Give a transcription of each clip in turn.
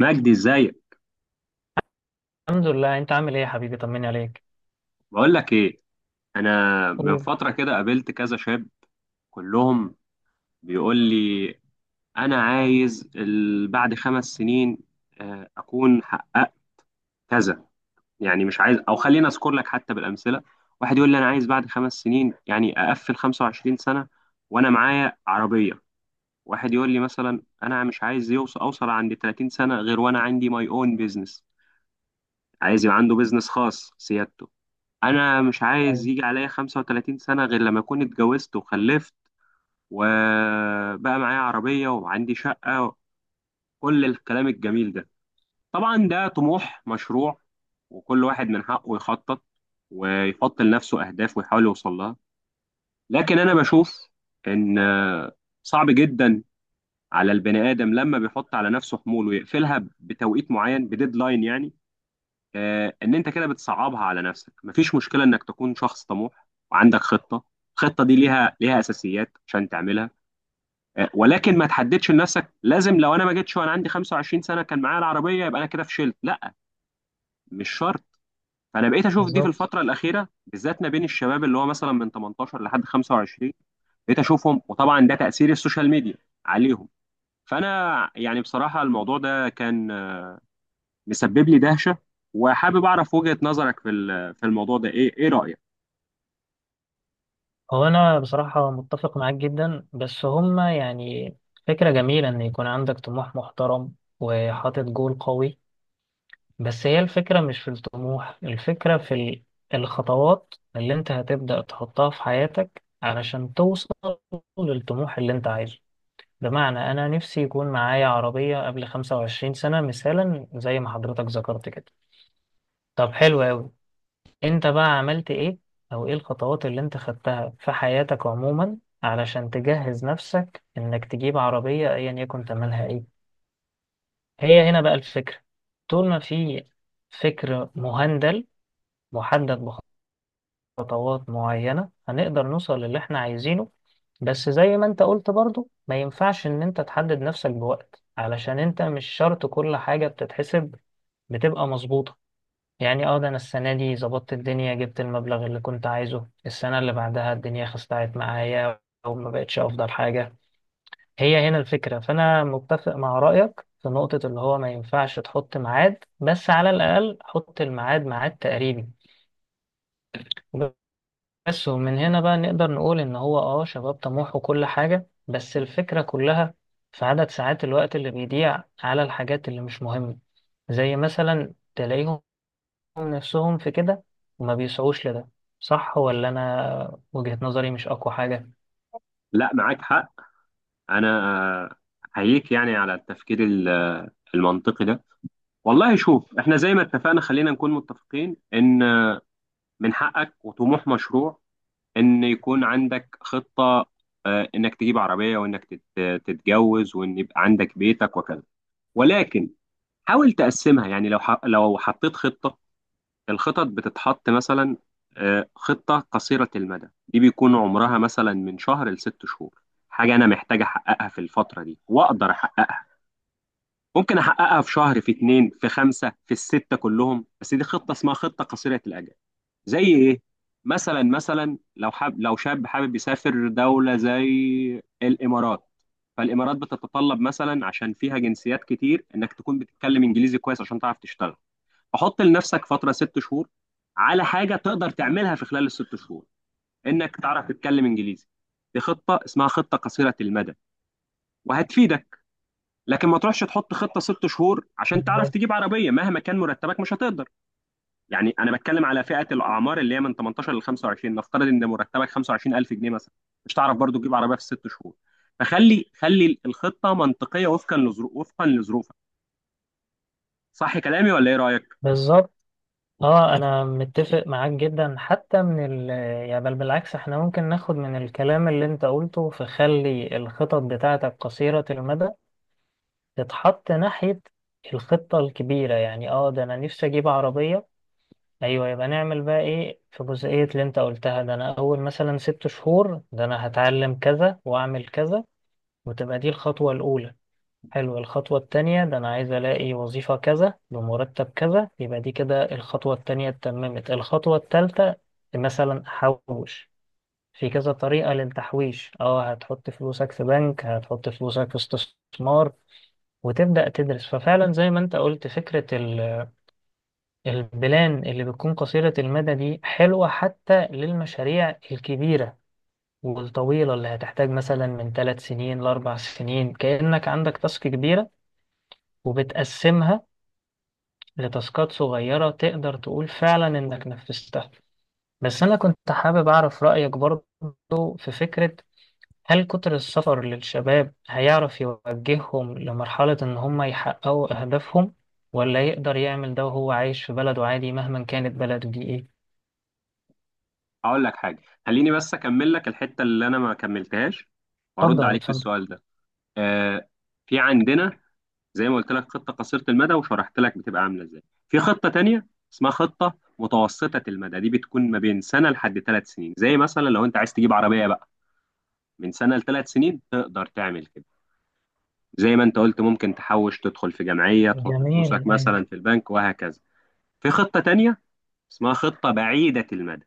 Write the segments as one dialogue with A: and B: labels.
A: مجدي، ازيك؟
B: الحمد لله، انت عامل ايه يا حبيبي؟ طمني عليك.
A: بقول لك ايه. انا من
B: اوه.
A: فتره كده قابلت كذا شاب. كلهم بيقول لي انا عايز بعد 5 سنين اكون حققت كذا. يعني مش عايز، او خلينا اذكر لك حتى بالامثله. واحد يقول لي انا عايز بعد 5 سنين، يعني اقفل 25 سنه وانا معايا عربيه. واحد يقول لي مثلا انا مش عايز اوصل عند 30 سنه غير وانا عندي ماي اون بيزنس، عايز يبقى عنده بيزنس خاص سيادته. انا مش عايز
B: ايوه.
A: يجي عليا 35 سنة غير لما اكون اتجوزت وخلفت وبقى معايا عربية وعندي شقة، كل الكلام الجميل ده. طبعا ده طموح مشروع، وكل واحد من حقه يخطط ويحط لنفسه اهداف ويحاول يوصل لها. لكن انا بشوف ان صعب جدا على البني ادم لما بيحط على نفسه حمول ويقفلها بتوقيت معين، بديدلاين يعني. ان انت كده بتصعبها على نفسك. مفيش مشكله انك تكون شخص طموح وعندك خطه، الخطه دي ليها اساسيات عشان تعملها، ولكن ما تحددش لنفسك. لازم لو انا ما جيتش وانا عندي 25 سنه كان معايا العربيه يبقى انا كده فشلت، لا، مش شرط. فانا بقيت اشوف دي في
B: بالظبط.
A: الفتره الاخيره بالذات ما بين الشباب اللي هو مثلا من 18 لحد 25، بقيت اشوفهم، وطبعا ده تاثير السوشيال ميديا عليهم. فانا يعني بصراحه الموضوع ده كان مسبب لي دهشه، وحابب اعرف وجهه نظرك في في الموضوع ده، ايه رايك؟
B: هو انا بصراحة متفق معاك جدا، بس هما فكرة جميلة ان يكون عندك طموح محترم وحاطط جول قوي. بس هي الفكرة مش في الطموح، الفكرة في الخطوات اللي انت هتبدأ تحطها في حياتك علشان توصل للطموح اللي انت عايزه. بمعنى انا نفسي يكون معايا عربية قبل 25 سنة مثالا زي ما حضرتك ذكرت كده. طب حلو قوي، انت بقى عملت ايه؟ او ايه الخطوات اللي انت خدتها في حياتك عموما علشان تجهز نفسك انك تجيب عربية ايا يكن تمنها ايه؟ هي هنا بقى الفكرة، طول ما في فكر مهندل محدد بخطوات معينة هنقدر نوصل للي احنا عايزينه. بس زي ما انت قلت برضو ما ينفعش ان انت تحدد نفسك بوقت، علشان انت مش شرط كل حاجة بتتحسب بتبقى مظبوطة. يعني اه ده انا السنه دي ظبطت الدنيا، جبت المبلغ اللي كنت عايزه، السنه اللي بعدها الدنيا خستعت معايا وما بقتش افضل حاجه. هي هنا الفكره. فانا متفق مع رايك في نقطه اللي هو ما ينفعش تحط ميعاد، بس على الاقل حط الميعاد ميعاد تقريبي بس. ومن هنا بقى نقدر نقول ان هو اه شباب طموح وكل حاجه، بس الفكره كلها في عدد ساعات الوقت اللي بيضيع على الحاجات اللي مش مهمه. زي مثلا تلاقيهم نفسهم في كده وما بيسعوش لده. صح ولا أنا وجهة نظري مش أقوى حاجة؟
A: لا، معاك حق. انا احييك يعني على التفكير المنطقي ده. والله شوف، احنا زي ما اتفقنا خلينا نكون متفقين ان من حقك وطموح مشروع ان يكون عندك خطة، انك تجيب عربية وانك تتجوز وان يبقى عندك بيتك وكذا. ولكن حاول تقسمها. يعني لو حطيت خطة، الخطط بتتحط مثلا خطة قصيرة المدى، دي بيكون عمرها مثلا من شهر ل6 شهور، حاجة أنا محتاج أحققها في الفترة دي وأقدر أحققها. ممكن أحققها في شهر، في اتنين، في خمسة، في الستة كلهم، بس دي خطة اسمها خطة قصيرة الأجل. زي إيه؟ مثلا لو شاب حابب يسافر دولة زي الإمارات. فالإمارات بتتطلب مثلا عشان فيها جنسيات كتير إنك تكون بتتكلم إنجليزي كويس عشان تعرف تشتغل. حط لنفسك فتره 6 شهور على حاجه تقدر تعملها في خلال ال6 شهور، انك تعرف تتكلم انجليزي. دي خطه اسمها خطه قصيره المدى وهتفيدك. لكن ما تروحش تحط خطه 6 شهور عشان تعرف
B: بالظبط.
A: تجيب عربيه، مهما كان مرتبك مش هتقدر. يعني انا بتكلم على فئه الاعمار اللي هي من 18 ل 25، نفترض ان مرتبك 25000 جنيه مثلا، مش تعرف برضو تجيب عربيه في ال6 شهور. فخلي الخطه منطقيه وفقا لظروفك. صح كلامي ولا ايه رايك؟
B: بالظبط. اه انا متفق معاك جدا حتى من ال، يعني بل بالعكس احنا ممكن ناخد من الكلام اللي انت قلته، فخلي الخطط بتاعتك قصيرة المدى تتحط ناحية الخطة الكبيرة. يعني اه ده انا نفسي اجيب عربية، ايوه، يبقى نعمل بقى ايه في جزئية اللي انت قلتها. ده انا اول مثلا ست شهور ده انا هتعلم كذا واعمل كذا، وتبقى دي الخطوة الاولى. حلو. الخطوة التانية ده أنا عايز ألاقي وظيفة كذا بمرتب كذا، يبقى دي كده الخطوة التانية اتممت. الخطوة التالتة مثلا أحوش، في كذا طريقة للتحويش، اه هتحط فلوسك في بنك، هتحط فلوسك في استثمار وتبدأ تدرس. ففعلا زي ما انت قلت فكرة البلان اللي بتكون قصيرة المدى دي حلوة حتى للمشاريع الكبيرة والطويلة اللي هتحتاج مثلا من ثلاث سنين لأربع سنين. كأنك عندك تاسك كبيرة وبتقسمها لتاسكات صغيرة تقدر تقول فعلا إنك نفذتها. بس أنا كنت حابب أعرف رأيك برضو في فكرة، هل كتر السفر للشباب هيعرف يوجههم لمرحلة إن هم يحققوا أهدافهم، ولا يقدر يعمل ده وهو عايش في بلده عادي مهما كانت بلده دي إيه؟
A: هقول لك حاجه، خليني بس اكمل لك الحته اللي انا ما كملتهاش
B: اتفضل
A: وارد عليك في
B: اتفضل.
A: السؤال ده. آه في عندنا زي ما قلت لك خطه قصيره المدى وشرحت لك بتبقى عامله ازاي. في خطه تانية اسمها خطه متوسطه المدى، دي بتكون ما بين سنه لحد 3 سنين. زي مثلا لو انت عايز تجيب عربيه بقى، من سنه ل3 سنين تقدر تعمل كده، زي ما انت قلت ممكن تحوش، تدخل في جمعيه، تحط فلوسك
B: جميل، أيوة.
A: مثلا في البنك، وهكذا. في خطه تانية اسمها خطه بعيده المدى،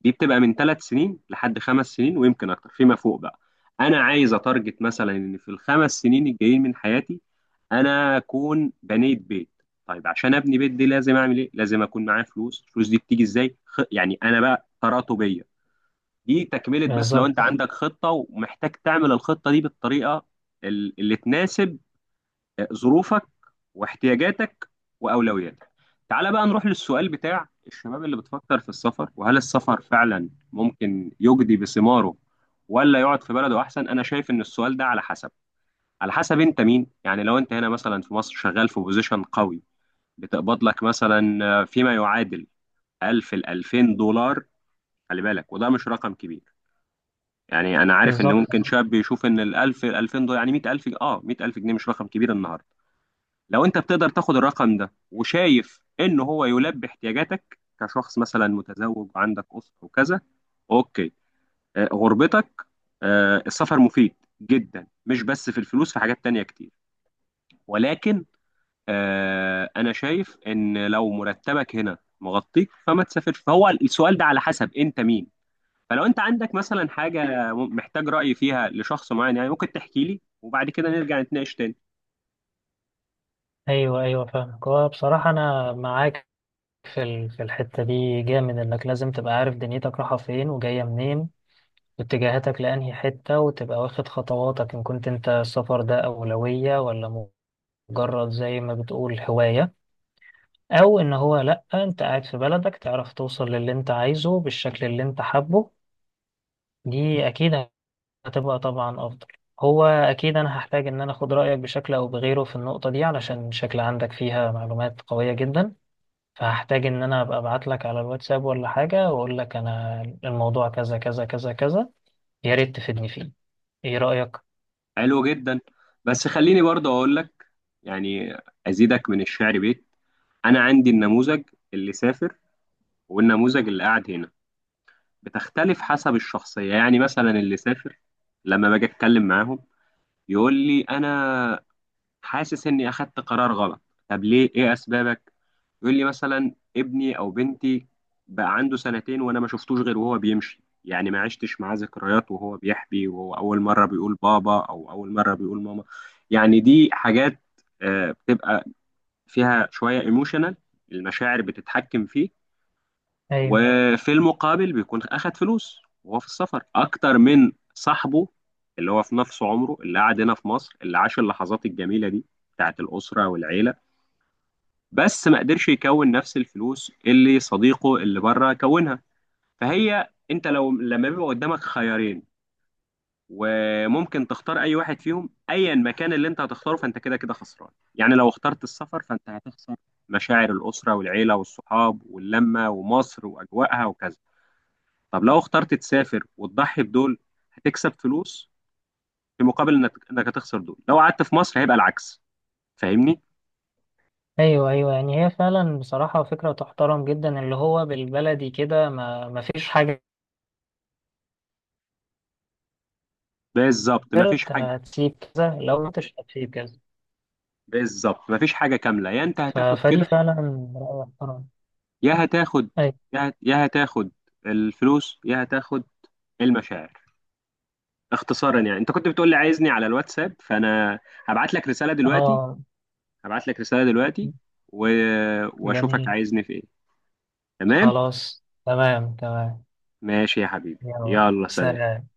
A: دي بتبقى من 3 سنين لحد 5 سنين، ويمكن اكتر فيما فوق. بقى انا عايز اتارجت مثلا ان في ال5 سنين الجايين من حياتي انا اكون بنيت بيت. طيب عشان ابني بيت دي لازم اعمل ايه؟ لازم اكون معايا فلوس. الفلوس دي بتيجي ازاي؟ يعني انا بقى تراتبيه. دي تكمله، بس لو
B: بالظبط.
A: انت عندك خطه ومحتاج تعمل الخطه دي بالطريقه اللي تناسب ظروفك واحتياجاتك واولوياتك. تعال بقى نروح للسؤال بتاع الشباب اللي بتفكر في السفر، وهل السفر فعلا ممكن يجدي بثماره ولا يقعد في بلده احسن. انا شايف ان السؤال ده على حسب انت مين. يعني لو انت هنا مثلا في مصر شغال في بوزيشن قوي، بتقبض لك مثلا فيما يعادل 1000 ل 2000 دولار. خلي بالك وده مش رقم كبير. يعني انا عارف ان
B: بالظبط.
A: ممكن شاب يشوف ان ال 1000 2000 دولار يعني 100000 جنيه مش رقم كبير النهارده. لو انت بتقدر تاخد الرقم ده وشايف ان هو يلبي احتياجاتك كشخص مثلا متزوج وعندك اسره وكذا، اوكي، غربتك، السفر مفيد جدا، مش بس في الفلوس، في حاجات تانية كتير. ولكن انا شايف ان لو مرتبك هنا مغطيك فما تسافرش. فهو السؤال ده على حسب انت مين. فلو انت عندك مثلا حاجة محتاج رأي فيها لشخص معين يعني ممكن تحكي لي وبعد كده نرجع نتناقش تاني.
B: أيوه أيوه، فاهمك. هو بصراحة أنا معاك في في الحتة دي جامد، إنك لازم تبقى عارف دنيتك رايحة فين وجاية منين، اتجاهاتك لأنهي حتة، وتبقى واخد خطواتك إن كنت أنت السفر ده أولوية ولا مجرد زي ما بتقول هواية، أو إن هو لأ أنت قاعد في بلدك تعرف توصل للي أنت عايزه بالشكل اللي أنت حابه. دي أكيد هتبقى طبعا أفضل. هو أكيد أنا هحتاج إن أنا أخد رأيك بشكل أو بغيره في النقطة دي، علشان شكل عندك فيها معلومات قوية جدا. فهحتاج إن أنا أبقى أبعت لك على الواتساب ولا حاجة وأقول لك أنا الموضوع كذا كذا كذا كذا، يا ريت تفيدني فيه. إيه رأيك؟
A: حلو جدا. بس خليني برضه اقول لك، يعني ازيدك من الشعر بيت. انا عندي النموذج اللي سافر والنموذج اللي قاعد هنا، بتختلف حسب الشخصية. يعني مثلا اللي سافر لما باجي اتكلم معاهم يقول لي انا حاسس اني اخدت قرار غلط. طب ليه؟ ايه اسبابك؟ يقول لي مثلا ابني او بنتي بقى عنده 2 سنين وانا ما شفتوش غير وهو بيمشي، يعني ما عشتش معاه ذكريات وهو بيحبي وهو اول مره بيقول بابا او اول مره بيقول ماما. يعني دي حاجات بتبقى فيها شويه ايموشنال، المشاعر بتتحكم فيه.
B: ايوه
A: وفي المقابل بيكون أخد فلوس وهو في السفر أكتر من صاحبه اللي هو في نفس عمره اللي قعد هنا في مصر اللي عاش اللحظات الجميلة دي بتاعت الأسرة والعيلة، بس ما قدرش يكون نفس الفلوس اللي صديقه اللي بره كونها. فهي أنت لو لما بيبقى قدامك خيارين وممكن تختار أي واحد فيهم، أيا مكان اللي أنت هتختاره فأنت كده كده خسران. يعني لو اخترت السفر فأنت هتخسر مشاعر الأسرة والعيلة والصحاب واللمة ومصر وأجواءها وكذا. طب لو اخترت تسافر وتضحي بدول هتكسب فلوس، في مقابل انك هتخسر دول. لو قعدت في مصر هيبقى العكس. فاهمني؟
B: ايوه. ايوه يعني هي فعلا بصراحه فكره تحترم جدا، اللي هو بالبلدي كده ما ما فيش حاجه
A: بالظبط مفيش
B: غيرت،
A: حاجه
B: هتسيب كذا لو ما انتش هتسيب كذا.
A: بالظبط مفيش حاجه كامله. يا انت هتاخد
B: فدي
A: كده،
B: فعلا راي محترم.
A: يا هتاخد
B: اي.
A: يا هتاخد الفلوس، يا هتاخد المشاعر. اختصارا يعني انت كنت بتقول لي عايزني على الواتساب، فانا هبعت لك رساله دلوقتي
B: اه.
A: هبعت لك رساله دلوقتي و... واشوفك
B: جميل.
A: عايزني في ايه. تمام.
B: خلاص، تمام تمام.
A: ماشي يا حبيبي،
B: يلا
A: يلا، سلام.
B: سلام.